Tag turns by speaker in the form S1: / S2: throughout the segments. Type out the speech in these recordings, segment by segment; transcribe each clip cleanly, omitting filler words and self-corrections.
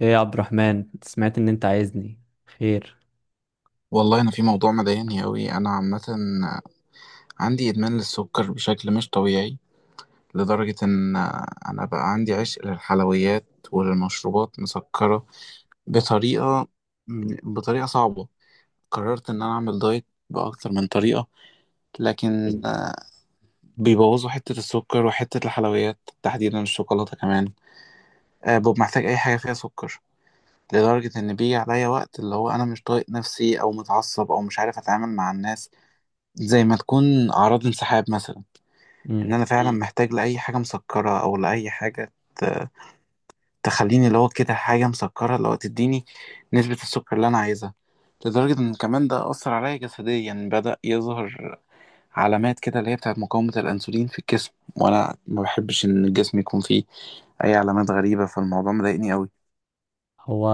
S1: ايه يا عبد الرحمن، سمعت ان انت عايزني. خير؟
S2: والله انا في موضوع مضايقني قوي، انا عامه عندي ادمان للسكر بشكل مش طبيعي لدرجه ان انا بقى عندي عشق للحلويات وللمشروبات مسكره بطريقه بطريقه صعبه. قررت ان انا اعمل دايت باكتر من طريقه، لكن بيبوظوا حته السكر وحته الحلويات تحديدا الشوكولاته كمان. ببقى محتاج اي حاجه فيها سكر، لدرجه ان بيجي عليا وقت اللي هو انا مش طايق نفسي او متعصب او مش عارف اتعامل مع الناس، زي ما تكون أعراض انسحاب مثلا. إن أنا
S1: امم
S2: فعلا محتاج لأي حاجة مسكرة أو لأي حاجة تخليني اللي هو كده حاجة مسكرة اللي هو تديني نسبة السكر اللي أنا عايزها. لدرجة إن كمان ده أثر عليا جسديا، بدأ يظهر علامات كده اللي هي بتاعت مقاومة الأنسولين في الجسم، وأنا ما بحبش إن الجسم يكون فيه أي علامات غريبة، فالموضوع مضايقني أوي.
S1: هو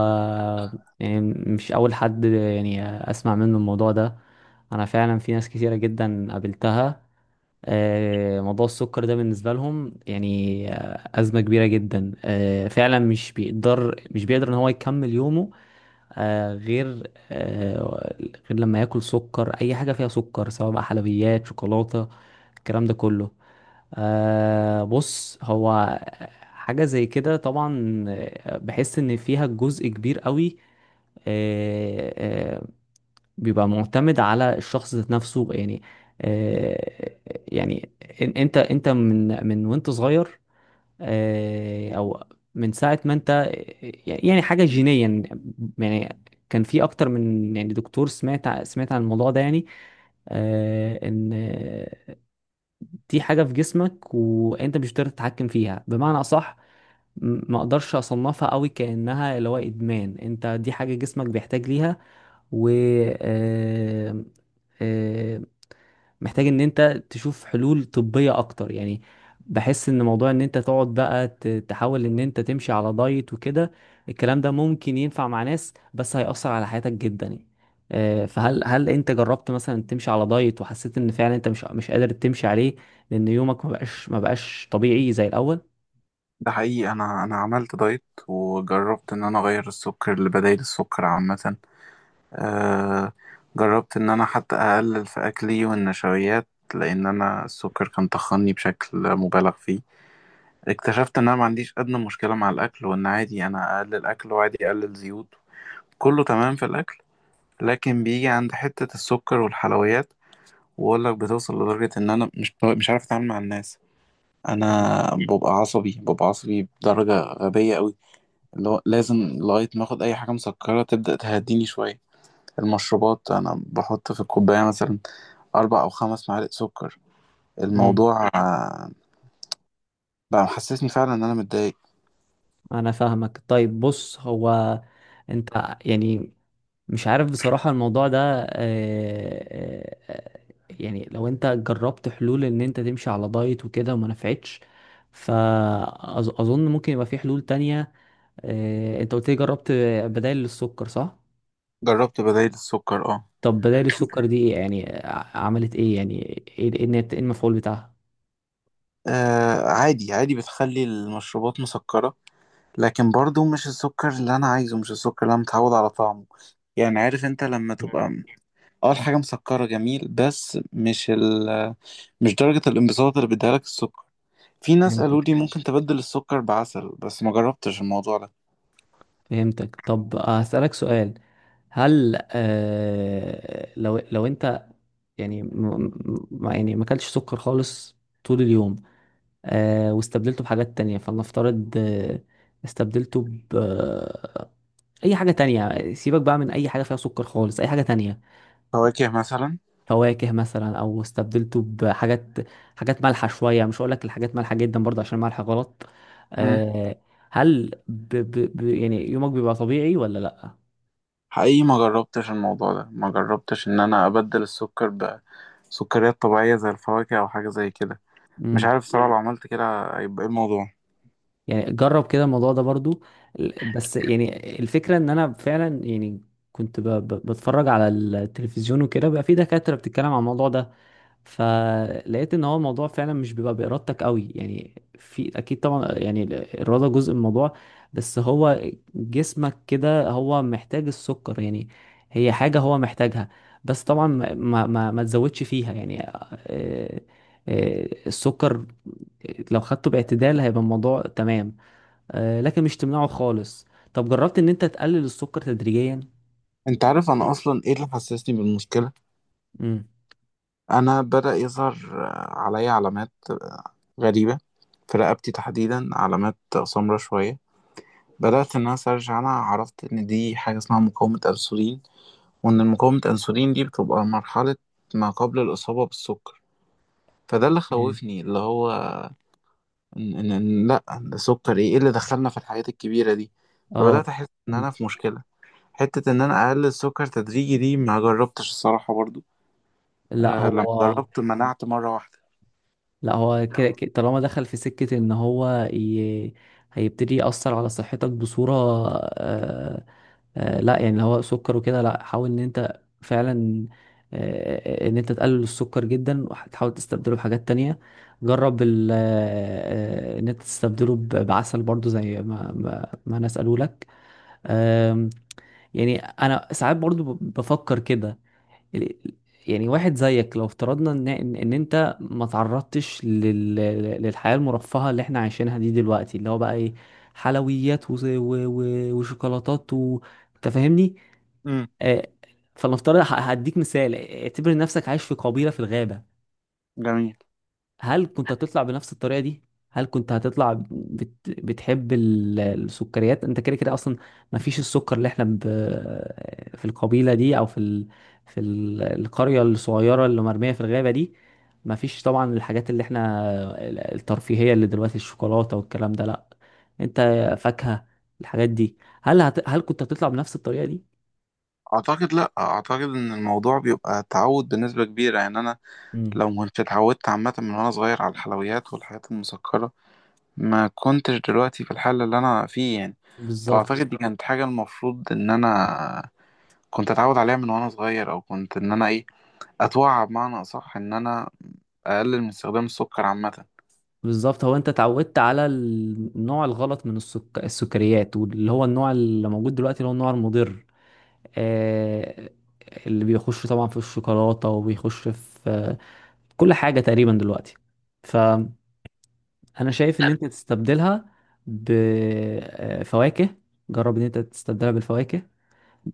S1: يعني مش اول حد اسمع منه الموضوع ده. انا فعلا في ناس كتيره جدا قابلتها. موضوع السكر ده بالنسبه لهم يعني ازمه كبيره جدا. فعلا مش بيقدر ان هو يكمل يومه غير لما ياكل سكر، اي حاجه فيها سكر، سواء بقى حلويات، شوكولاته، الكلام ده كله. بص، هو حاجة زي كده طبعا، بحس ان فيها جزء كبير قوي آه آه بيبقى معتمد على الشخص ذات نفسه يعني. آه يعني انت من وانت صغير، او من ساعة ما انت، يعني حاجة جينيا يعني. كان في اكتر من يعني دكتور سمعت سمعت عن الموضوع ده يعني، ان دي حاجة في جسمك وانت مش قادر تتحكم فيها. بمعنى اصح، ما اقدرش اصنفها قوي كأنها اللي هو ادمان، انت دي حاجة جسمك بيحتاج ليها. و آه، آه، محتاج ان انت تشوف حلول طبية اكتر يعني. بحس ان موضوع ان انت تقعد بقى تحاول ان انت تمشي على دايت وكده، الكلام ده ممكن ينفع مع ناس بس هيأثر على حياتك جدا يعني. فهل انت جربت مثلا تمشي على دايت وحسيت ان فعلا انت مش قادر تمشي عليه؟ لان يومك ما بقاش طبيعي زي الاول.
S2: ده حقيقي، أنا عملت دايت وجربت إن أنا أغير السكر لبدايل السكر عامة. آه جربت ان انا حتى اقلل في اكلي والنشويات، لان انا السكر كان طخني بشكل مبالغ فيه. اكتشفت ان انا ما عنديش ادنى مشكلة مع الاكل، وان عادي انا اقلل اكل وعادي اقلل زيوت، كله تمام في الاكل. لكن بيجي عند حتة السكر والحلويات، واقول لك بتوصل لدرجة ان انا مش عارف اتعامل مع الناس. انا
S1: مم.
S2: ببقى عصبي ببقى عصبي بدرجة غبية قوي، اللي هو لازم لغاية ما اخد اي حاجة مسكرة تبدأ تهديني شوية. المشروبات انا بحط في الكوبايه مثلا 4 أو 5 معالق سكر.
S1: امم.
S2: الموضوع بقى محسسني فعلا ان انا متضايق.
S1: انا فاهمك. طيب بص، هو انت يعني مش عارف بصراحة الموضوع ده. آه، آه، آه، يعني لو انت جربت حلول ان انت تمشي على دايت وكده وما نفعتش، فأظن ممكن يبقى في حلول تانية. انت قلت لي جربت بدائل للسكر، صح؟
S2: جربت بدايل السكر، اه.
S1: طب بدائل السكر دي ايه يعني؟ عملت ايه يعني؟ إيه المفعول بتاعها؟
S2: عادي عادي بتخلي المشروبات مسكره، لكن برضو مش السكر اللي انا عايزه، مش السكر اللي انا متعود على طعمه. يعني عارف انت لما
S1: مم.
S2: تبقى اه الحاجه مسكره، جميل، بس مش درجه الانبساط اللي بيديها لك السكر. في ناس قالوا لي
S1: فهمتك.
S2: ممكن تبدل السكر بعسل، بس ما جربتش الموضوع ده.
S1: فهمتك. طب هسألك سؤال، هل لو انت يعني، يعني ما اكلتش سكر خالص طول اليوم، واستبدلته بحاجات تانية. فلنفترض استبدلته ب أي حاجة تانية، سيبك بقى من أي حاجة فيها سكر خالص، أي حاجة تانية.
S2: فواكه مثلا.
S1: فواكه مثلا، أو استبدلته بحاجات، حاجات مالحة شوية، مش هقولك الحاجات مالحة جدا برضه عشان مالحة غلط. آه هل ب ب ب يعني يومك بيبقى طبيعي ولا لأ؟
S2: حقيقي ما جربتش الموضوع ده، ما جربتش ان انا ابدل السكر بسكريات طبيعية زي الفواكه او حاجة زي كده. مش
S1: مم.
S2: عارف صراحة لو عملت كده هيبقى ايه الموضوع.
S1: يعني جرب كده الموضوع ده برضو. بس يعني الفكرة ان انا فعلا يعني كنت بتفرج على التلفزيون وكده، بقى في دكاترة بتتكلم عن الموضوع ده، فلقيت ان هو الموضوع فعلا مش بيبقى بارادتك قوي يعني. في اكيد طبعا يعني الاراده جزء من الموضوع، بس هو جسمك كده هو محتاج السكر يعني، هي حاجه هو محتاجها. بس طبعا ما تزودش فيها يعني. السكر لو خدته باعتدال هيبقى الموضوع تمام، لكن مش تمنعه خالص. طب جربت ان انت تقلل السكر تدريجيا؟
S2: انت عارف انا اصلا ايه اللي حسسني بالمشكلة؟
S1: امم.
S2: انا بدأ يظهر عليا علامات غريبة في رقبتي تحديدا، علامات سمرة شوية. بدأت ان انا سيرش عنها، عرفت ان دي حاجة اسمها مقاومة انسولين، وان مقاومة انسولين دي بتبقى مرحلة ما قبل الاصابة بالسكر. فده اللي
S1: مم.
S2: خوفني اللي هو إن لأ ده سكر، إيه اللي دخلنا في الحاجات الكبيرة دي. فبدأت
S1: اه.
S2: أحس إن أنا في مشكلة. حتة إن أنا أقلل السكر تدريجي دي ما جربتش الصراحة برضو،
S1: لا
S2: لما
S1: هو،
S2: جربت منعت مرة واحدة.
S1: لا هو طالما دخل في سكة ان هو ي... هيبتدي يأثر على صحتك بصورة. آه... لا يعني اللي هو سكر وكده، لا، حاول ان انت فعلا، ان انت تقلل السكر جدا وتحاول تستبدله بحاجات تانية. جرب ال... آه... آه، ان انت تستبدله بعسل برضو زي ما انا اسأله لك. آم، يعني انا ساعات برضو بفكر كده، ال- يعني واحد زيك لو افترضنا ان ان انت ما تعرضتش لل... للحياة المرفهة اللي احنا عايشينها دي دلوقتي، اللي هو بقى ايه، حلويات و وشوكولاتات انت فاهمني.
S2: امم،
S1: آه، فلنفترض هديك مثال، اعتبر نفسك عايش في قبيلة في الغابة،
S2: جميل.
S1: هل كنت هتطلع بنفس الطريقة دي؟ هل كنت هتطلع بتحب السكريات؟ انت كده كده اصلا ما فيش السكر اللي احنا في القبيلة دي او في في القرية الصغيرة اللي مرمية في الغابة دي، ما فيش طبعا الحاجات اللي احنا، الترفيهية اللي دلوقتي، الشوكولاتة والكلام ده، لا، انت فاكهة، الحاجات دي. هل هل كنت هتطلع بنفس الطريقة دي؟
S2: أعتقد لأ، أعتقد إن الموضوع بيبقى تعود بنسبة كبيرة يعني. أنا
S1: مم.
S2: لو ما كنتش اتعودت عامة من وأنا صغير على الحلويات والحاجات المسكرة، ما كنتش دلوقتي في الحالة اللي أنا فيه يعني.
S1: بالظبط.
S2: فأعتقد دي كانت حاجة المفروض إن أنا كنت أتعود عليها من وأنا صغير، أو كنت إن أنا إيه أتوعى بمعنى أصح إن أنا أقلل من استخدام السكر عامة.
S1: بالظبط، هو انت اتعودت على النوع الغلط من السكريات، واللي هو النوع اللي موجود دلوقتي اللي هو النوع المضر، آه... اللي بيخش طبعا في الشوكولاتة وبيخش في كل حاجة تقريبا دلوقتي. فأنا شايف ان انت تستبدلها بفواكه، جرب ان انت تستبدلها بالفواكه.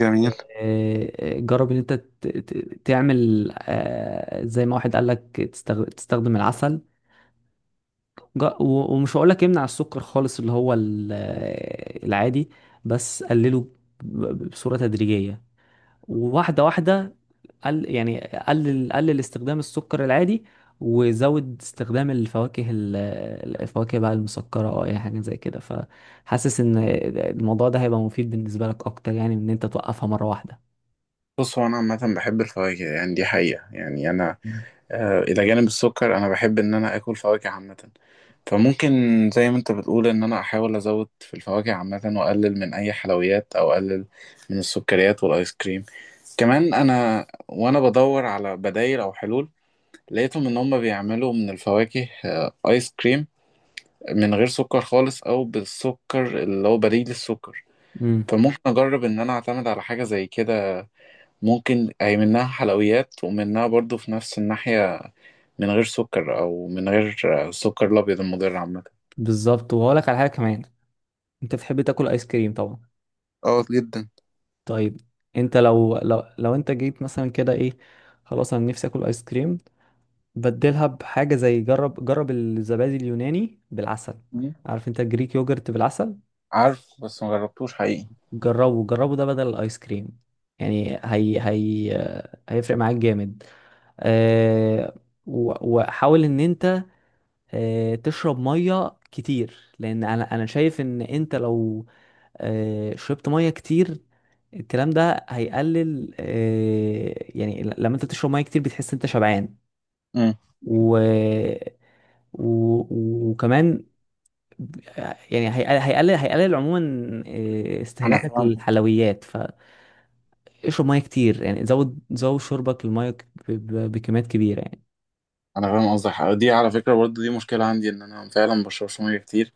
S2: جميل.
S1: جرب ان انت تعمل، زي ما واحد قال لك، تستخدم العسل. ومش هقول لك يمنع السكر خالص اللي هو العادي، بس قلله بصورة تدريجية وواحدة واحدة. قل يعني قلل استخدام السكر العادي وزود استخدام الفواكه، الفواكه بقى المسكرة او اي حاجة زي كده. فحاسس ان الموضوع ده هيبقى مفيد بالنسبة لك اكتر يعني من ان انت توقفها مرة واحدة.
S2: بص هو أنا عامة بحب الفواكه، يعني دي حقيقة. يعني أنا إلى جانب السكر أنا بحب إن أنا آكل فواكه عامة. فممكن زي ما أنت بتقول إن أنا أحاول أزود في الفواكه عامة وأقلل من أي حلويات، أو أقلل من السكريات والآيس كريم. كمان أنا وأنا بدور على بدايل أو حلول، لقيتهم إن هما بيعملوا من الفواكه آيس كريم من غير سكر خالص، أو بالسكر اللي هو بديل السكر.
S1: امم.
S2: فممكن اجرب ان انا اعتمد على حاجه زي كده. ممكن هي منها حلويات ومنها برضو في نفس الناحيه، من غير سكر او من غير السكر الابيض المضر عامه.
S1: بالظبط. وهقول لك على حاجة كمان، انت بتحب تاكل ايس كريم طبعا.
S2: اه، جدا.
S1: طيب انت لو لو انت جيت مثلا كده ايه، خلاص انا نفسي اكل ايس كريم، بدلها بحاجه زي، جرب الزبادي اليوناني بالعسل.
S2: مم.
S1: عارف انت الجريك يوجرت بالعسل؟
S2: عارف، بس ما جربتوش حقيقي.
S1: جربه ده بدل الايس كريم، يعني هي هيفرق معاك جامد. أه، و- وحاول ان انت أه تشرب ميه كتير، لان انا شايف ان انت لو شربت ميه كتير، الكلام ده هيقلل، يعني لما انت تشرب ميه كتير بتحس انت شبعان،
S2: مم.
S1: و... و... وكمان ب- يعني هيقلل عموما
S2: انا
S1: استهلاكك
S2: فاهم.
S1: للحلويات. فاشرب ميه كتير يعني، زود شربك للميه بكميات كبيره يعني.
S2: انا فاهم قصدك. دي على فكره برضو دي مشكله عندي، ان انا فعلا ما بشربش ميه كتير.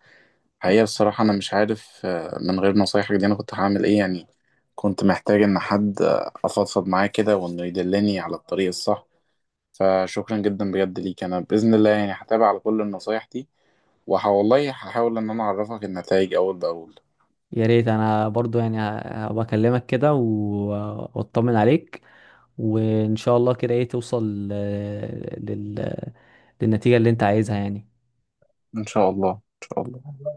S2: حقيقه بصراحه انا مش عارف من غير نصايحك دي انا كنت هعمل ايه يعني. كنت محتاج ان حد افضفض معاه كده وانه يدلني على الطريق الصح. فشكرا جدا بجد ليك، انا باذن الله يعني هتابع على كل النصايح دي، وهولله هحاول ان انا اعرفك النتائج اول باول.
S1: يا ريت. انا برضو يعني هبقى اكلمك كده واطمن عليك، وان شاء الله كده ايه توصل للنتيجة اللي انت عايزها يعني.
S2: ان شاء الله ان شاء الله.